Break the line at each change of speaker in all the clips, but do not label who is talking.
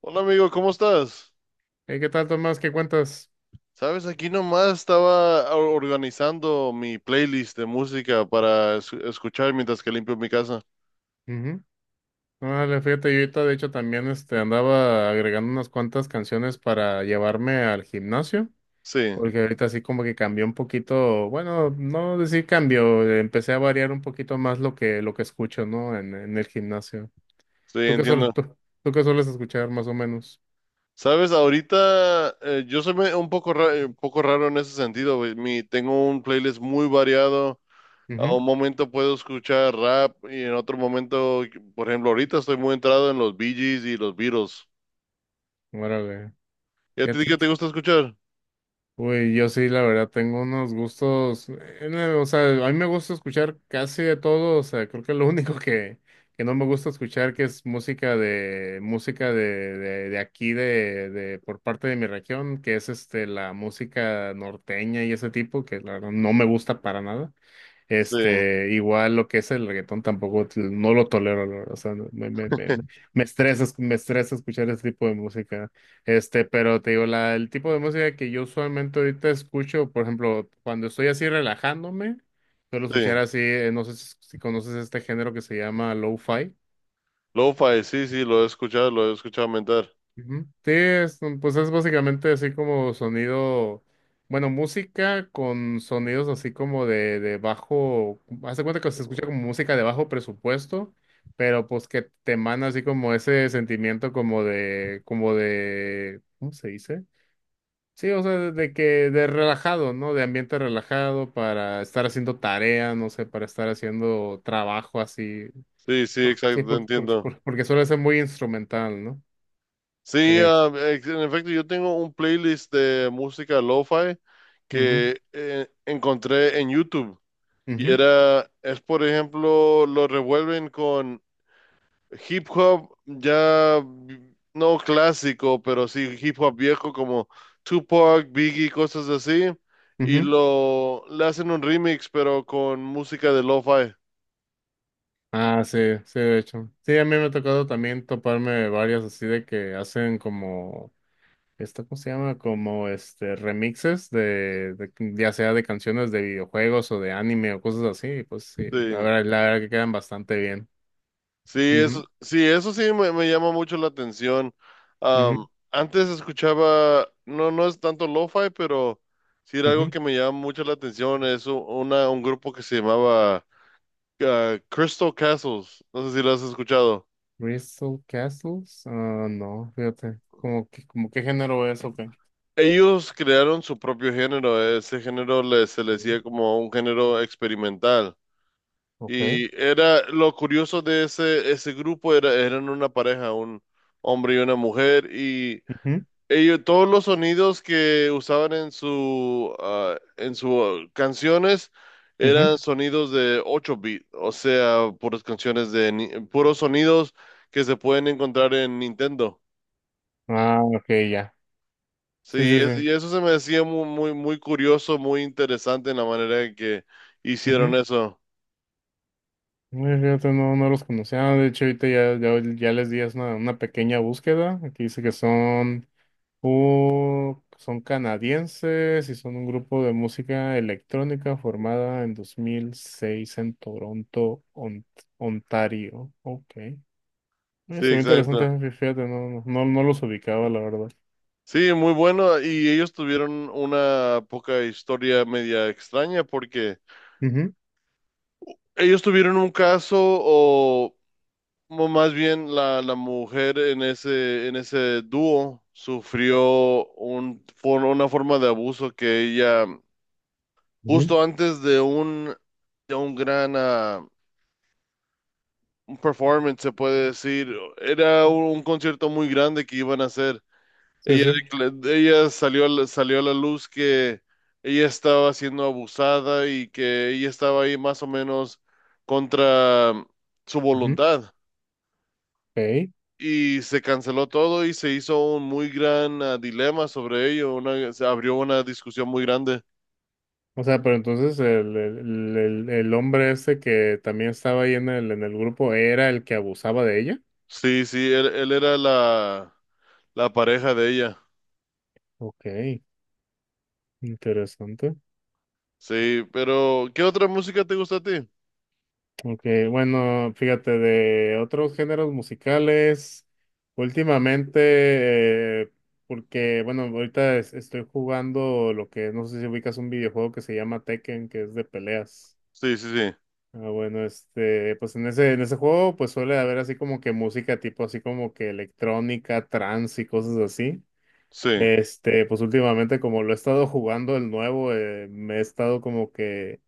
Hola amigo, ¿cómo estás?
Hey, ¿qué tal, Tomás? ¿Qué cuentas?
Sabes, aquí nomás estaba organizando mi playlist de música para escuchar mientras que limpio mi casa.
Ujú. Órale, fíjate, yo ahorita de hecho también andaba agregando unas cuantas canciones para llevarme al gimnasio,
Sí,
porque ahorita así como que cambió un poquito, bueno, no decir cambio, empecé a variar un poquito más lo que escucho, ¿no? En el gimnasio.
sí,
¿Tú qué sueles,
entiendo.
tú, tú qué sueles escuchar más o menos?
Sabes, ahorita yo soy un poco, un poco raro en ese sentido. Güey. Tengo un playlist muy variado. A
Ujú.
un momento puedo escuchar rap y en otro momento, por ejemplo, ahorita estoy muy entrado en los Bee Gees y los Beatles.
Órale.
¿Y a ti
Fíjate.
qué te gusta escuchar?
Uy, yo sí, la verdad, tengo unos gustos, no, o sea, a mí me gusta escuchar casi de todo, o sea, creo que lo único que no me gusta escuchar que es música de aquí, por parte de mi región, que es la música norteña y ese tipo, que la verdad no me gusta para nada.
Sí,
Igual lo que es el reggaetón tampoco, no lo tolero, la verdad, o sea, no, me estresa, me estresa escuchar ese tipo de música. Pero te digo, el tipo de música que yo usualmente ahorita escucho, por ejemplo, cuando estoy así relajándome, suelo escuchar
sí.
así, no sé si conoces este género que se llama lo-fi.
Lo-fi, sí, lo he escuchado mentar.
Ujú. Sí, pues es básicamente así como sonido, bueno, música con sonidos así como de bajo, hace cuenta que se escucha como música de bajo presupuesto, pero pues que te emana así como ese sentimiento ¿cómo se dice? Sí, o sea, de que de relajado, ¿no? De ambiente relajado para estar haciendo tarea, no sé, para estar haciendo trabajo así.
Sí, sí,
Porque, sí,
exacto, te entiendo.
porque suele ser muy instrumental, ¿no?
Sí,
Es.
en efecto, yo tengo un playlist de música lo-fi
Ujú,
que encontré en YouTube.
ujú,
Es por ejemplo, lo revuelven con hip hop no clásico, pero sí hip hop viejo como Tupac, Biggie, cosas así. Y
ujú.
lo le hacen un remix, pero con música de lo-fi.
Ah, sí, sí, de hecho. Sí, a mí me ha tocado también toparme varias así de que hacen como, ¿esto cómo se llama? Como este remixes ya sea de canciones de videojuegos o de anime o cosas así. Y pues sí,
Sí.
la verdad que quedan bastante bien.
Sí,
Ujú,
eso, sí, eso sí me llama mucho la atención.
ujú.
Am, antes escuchaba, no, no es tanto lo-fi, pero sí era algo
Ujú.
que me llama mucho la atención. Es un grupo que se llamaba Crystal Castles. No sé si lo has escuchado.
Crystal Castles. Ah, no, fíjate. ¿Como que, como qué género es? Ok.
Ellos crearon su propio género. Ese género se le decía como un género experimental.
Ok.
Y era lo curioso de ese grupo era, eran una pareja, un hombre y una mujer, y
Ujú,
ellos, todos los sonidos que usaban en en sus canciones eran
ujú.
sonidos de 8 bits, o sea, puras canciones de puros sonidos que se pueden encontrar en Nintendo.
Ah, ok, ya. Sí,
Sí,
sí, sí.
y eso se me decía muy curioso, muy interesante en la manera en que hicieron
Ujú.
eso.
Ay, fíjate, no, no los conocía. De hecho, ahorita ya les di una pequeña búsqueda. Aquí dice que son, son canadienses y son un grupo de música electrónica formada en 2006 en Toronto, Ontario. Ok.
Sí,
Es muy interesante,
exacto.
fíjate, no los ubicaba, la verdad.
Sí, muy bueno. Y ellos tuvieron una poca historia media extraña porque
Ujú,
ellos tuvieron un caso o Más bien la mujer en en ese dúo sufrió una forma de abuso que ella,
ujú,
justo antes de un gran un performance, se puede decir, era un concierto muy grande que iban a hacer.
sí,
Ella,
sí.
ella salió, salió a la luz que ella estaba siendo abusada y que ella estaba ahí más o menos contra su
Ujú,
voluntad.
ok.
Y se canceló todo y se hizo un muy gran dilema sobre ello. Se abrió una discusión muy grande.
O sea, pero entonces el hombre ese que también estaba ahí en el grupo era el que abusaba de ella.
Sí, sí, él era la pareja de ella.
Ok, interesante.
Sí, pero ¿qué otra música te gusta a ti?
Ok, bueno, fíjate, de otros géneros musicales, últimamente, porque, bueno, ahorita estoy jugando lo que, no sé si ubicas un videojuego que se llama Tekken, que es de peleas.
Sí, sí, sí,
Ah, bueno, pues en en ese juego, pues suele haber así como que música tipo así como que electrónica, trance y cosas así.
sí.
Pues últimamente como lo he estado jugando el nuevo, me he estado como que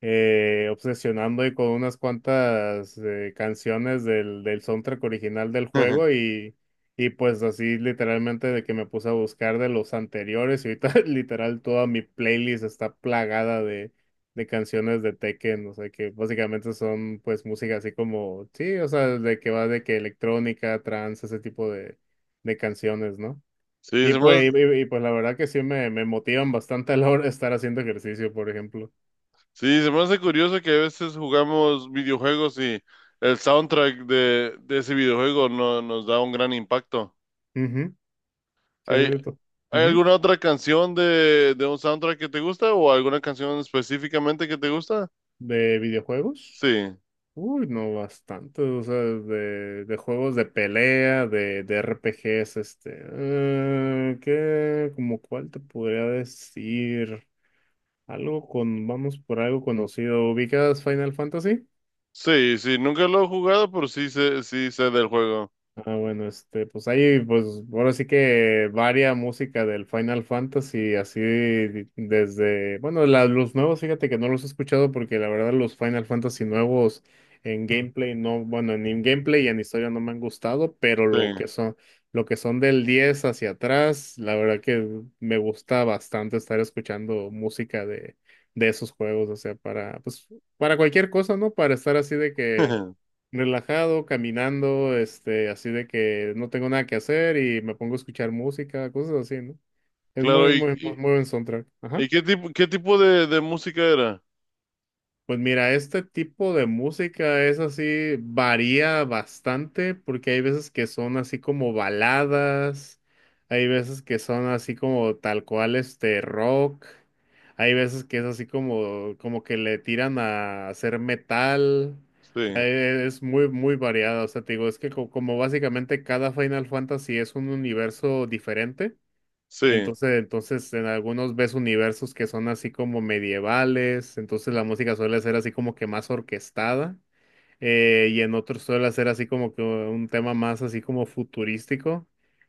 obsesionando y con unas cuantas canciones del soundtrack original del juego y pues así literalmente de que me puse a buscar de los anteriores y ahorita literal toda mi playlist está plagada de canciones de Tekken, o sea que básicamente son pues música así como, sí, o sea, de que va de que electrónica, trance, ese tipo de canciones, ¿no?
Sí,
Y
se me hace,
pues, pues la verdad que sí me motivan bastante a la hora de estar haciendo ejercicio, por ejemplo.
sí, se me hace curioso que a veces jugamos videojuegos y el soundtrack de ese videojuego no, nos da un gran impacto.
Ujú, sí,
¿Hay, hay
ujú.
alguna otra canción de un soundtrack que te gusta o alguna canción específicamente que te gusta?
¿De videojuegos?
Sí,
Uy, no, bastante. O sea, de juegos de pelea, de RPGs, este. Eh, ¿qué? ¿Como cuál te podría decir? Algo con, vamos por algo conocido. ¿Ubicas Final Fantasy?
sí, sí, nunca lo he jugado, pero sí sé del juego.
Ah, bueno, este, pues ahí, pues, ahora sí que varia música del Final Fantasy, así desde, bueno, los nuevos, fíjate que no los he escuchado porque la verdad los Final Fantasy nuevos en gameplay no, bueno, ni en gameplay y en historia no me han gustado, pero
Sí.
lo que son del 10 hacia atrás, la verdad que me gusta bastante estar escuchando música de esos juegos, o sea, para, pues, para cualquier cosa, ¿no? Para estar así de que relajado, caminando, este, así de que no tengo nada que hacer y me pongo a escuchar música, cosas así, ¿no? Es
Claro,
muy, muy, muy buen soundtrack. Ajá.
y qué tipo de música era?
Pues mira, este tipo de música es así, varía bastante porque hay veces que son así como baladas, hay veces que son así como tal cual este rock, hay veces que es así como, como que le tiran a hacer metal, o sea,
Sí,
es muy, muy variado, o sea, te digo, es que como básicamente cada Final Fantasy es un universo diferente.
sí,
Entonces en algunos ves universos que son así como medievales, entonces la música suele ser así como que más orquestada, y en otros suele ser así como que un tema más así como futurístico,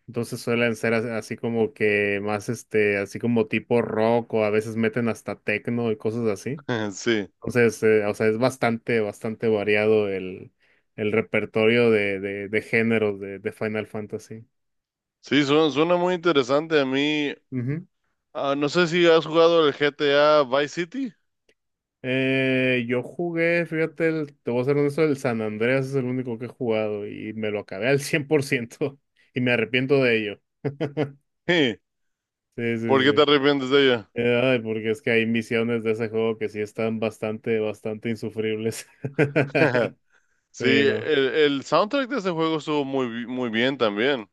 entonces suelen ser así como que más este, así como tipo rock o a veces meten hasta techno y cosas así.
sí.
Entonces, o sea, es bastante, bastante variado el repertorio de géneros de Final Fantasy.
Sí, suena, suena muy interesante. A mí, ah, no sé si has jugado el GTA Vice City.
Yo jugué, fíjate, el, te voy a ser honesto, el San Andreas es el único que he jugado y me lo acabé al 100% y me arrepiento de ello.
Sí,
Sí, sí,
¿por qué te
sí.
arrepientes de ella?
Ay, porque es que hay misiones de ese juego que sí están bastante, bastante insufribles. Sí,
Sí,
no.
el soundtrack de ese juego estuvo muy, muy bien también.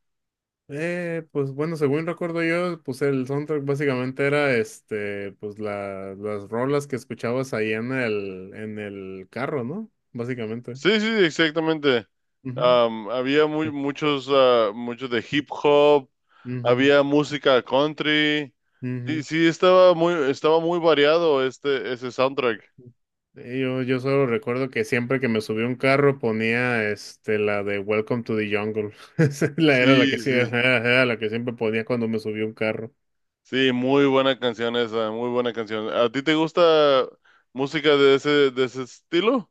Pues bueno, según recuerdo yo, pues el soundtrack básicamente era este, pues las rolas que escuchabas ahí en el carro, ¿no? Básicamente.
Sí, sí, exactamente.
Ujú.
Había muy, muchos, ah, muchos de hip hop.
Ujú,
Había música country. Sí,
ujú.
sí, estaba muy variado este, ese soundtrack.
Yo solo recuerdo que siempre que me subí a un carro ponía este la de Welcome to the Jungle. Era la
Sí,
que sí,
sí,
era la que siempre ponía cuando me subí a un carro.
sí, muy buena canción esa, muy buena canción. ¿A ti te gusta música de ese estilo?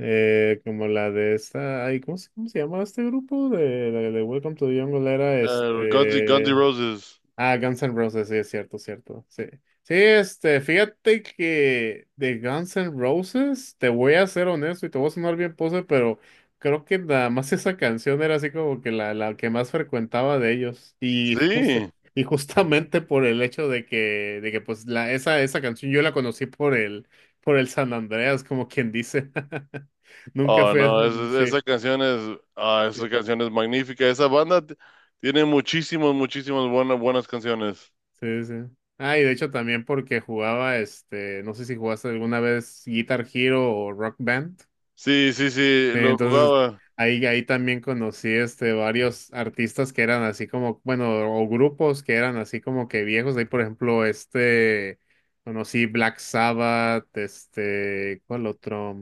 Como la de esta, ay, ¿cómo se llamaba este grupo? De, la de Welcome to the Jungle era
Guns N'
este.
Roses.
Ah, Guns N' Roses, sí, es cierto, cierto. Sí. Sí, este, fíjate que de Guns N' Roses, te voy a ser honesto y te voy a sonar bien pose, pero creo que nada más esa canción era así como que la que más frecuentaba de ellos.
Sí.
Y justamente por el hecho de de que pues la, esa canción yo la conocí por por el San Andreas, como quien dice. Nunca
Oh,
fui, a-
no,
sí.
esa canción
Sí.
esa canción es magnífica. Esa banda tiene muchísimas, muchísimas buenas, buenas canciones.
Sí, sí. Ah, y de hecho también porque jugaba, este, no sé si jugaste alguna vez Guitar Hero o Rock Band.
Sí, sí, sí,
Sí,
lo
entonces,
jugaba.
ahí también conocí, este, varios artistas que eran así como, bueno, o grupos que eran así como que viejos. Ahí, por ejemplo, este, conocí Black Sabbath, este, ¿cuál otro?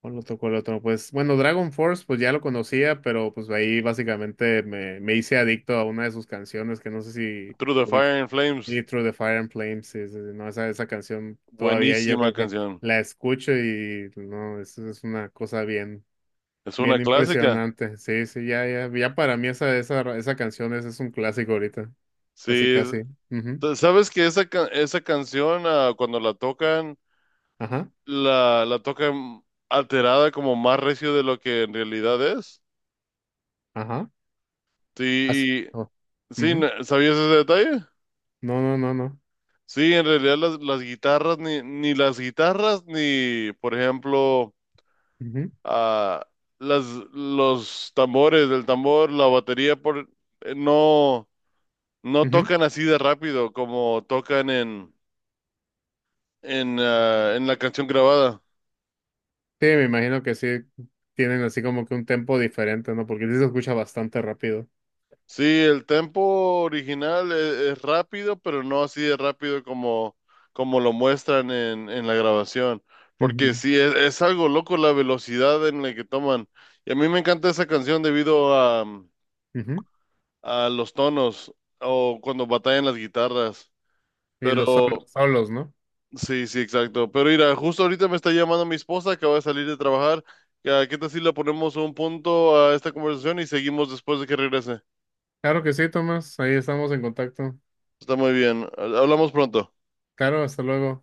¿Cuál otro? Pues bueno, Dragon Force, pues ya lo conocía, pero pues ahí básicamente me hice adicto a una de sus canciones que no sé si
Through the Fire and Flames.
Eat Through the Fire and Flames, sí, sí, sí, no, esa canción todavía yo
Buenísima
creo que
canción.
la escucho y no, es una cosa bien,
Es una
bien
clásica.
impresionante. Sí, sí, ya para mí esa canción es un clásico ahorita,
Sí,
casi. Ujú.
sabes que esa canción, ah, cuando la tocan,
Ajá,
la tocan alterada como más recio de lo que en realidad es.
ajá. As-
Sí,
oh, ujú.
¿sabías ese detalle?
No, no, no, no.
Sí, en realidad las guitarras, ni, ni las guitarras, ni, por ejemplo,
Ujú,
ah, las, los tambores, el tambor, la batería, no, no
ujú.
tocan así de rápido como tocan en, en la canción grabada.
Sí, me imagino que sí tienen así como que un tempo diferente, ¿no? Porque sí se escucha bastante rápido.
Sí, el tempo original es rápido, pero no así de rápido como, como lo muestran en la grabación. Porque
Ujú.
sí, es algo loco la velocidad en la que toman. Y a mí me encanta esa canción debido a,
Ujú.
a los tonos o cuando batallan las guitarras.
Y
Pero
los solos, ¿no?
sí, sí, exacto. Pero mira, justo ahorita me está llamando mi esposa que va a salir de trabajar. Qué tal si le ponemos un punto a esta conversación y seguimos después de que regrese?
Claro que sí, Tomás. Ahí estamos en contacto.
Está muy bien. Hablamos pronto.
Claro, hasta luego.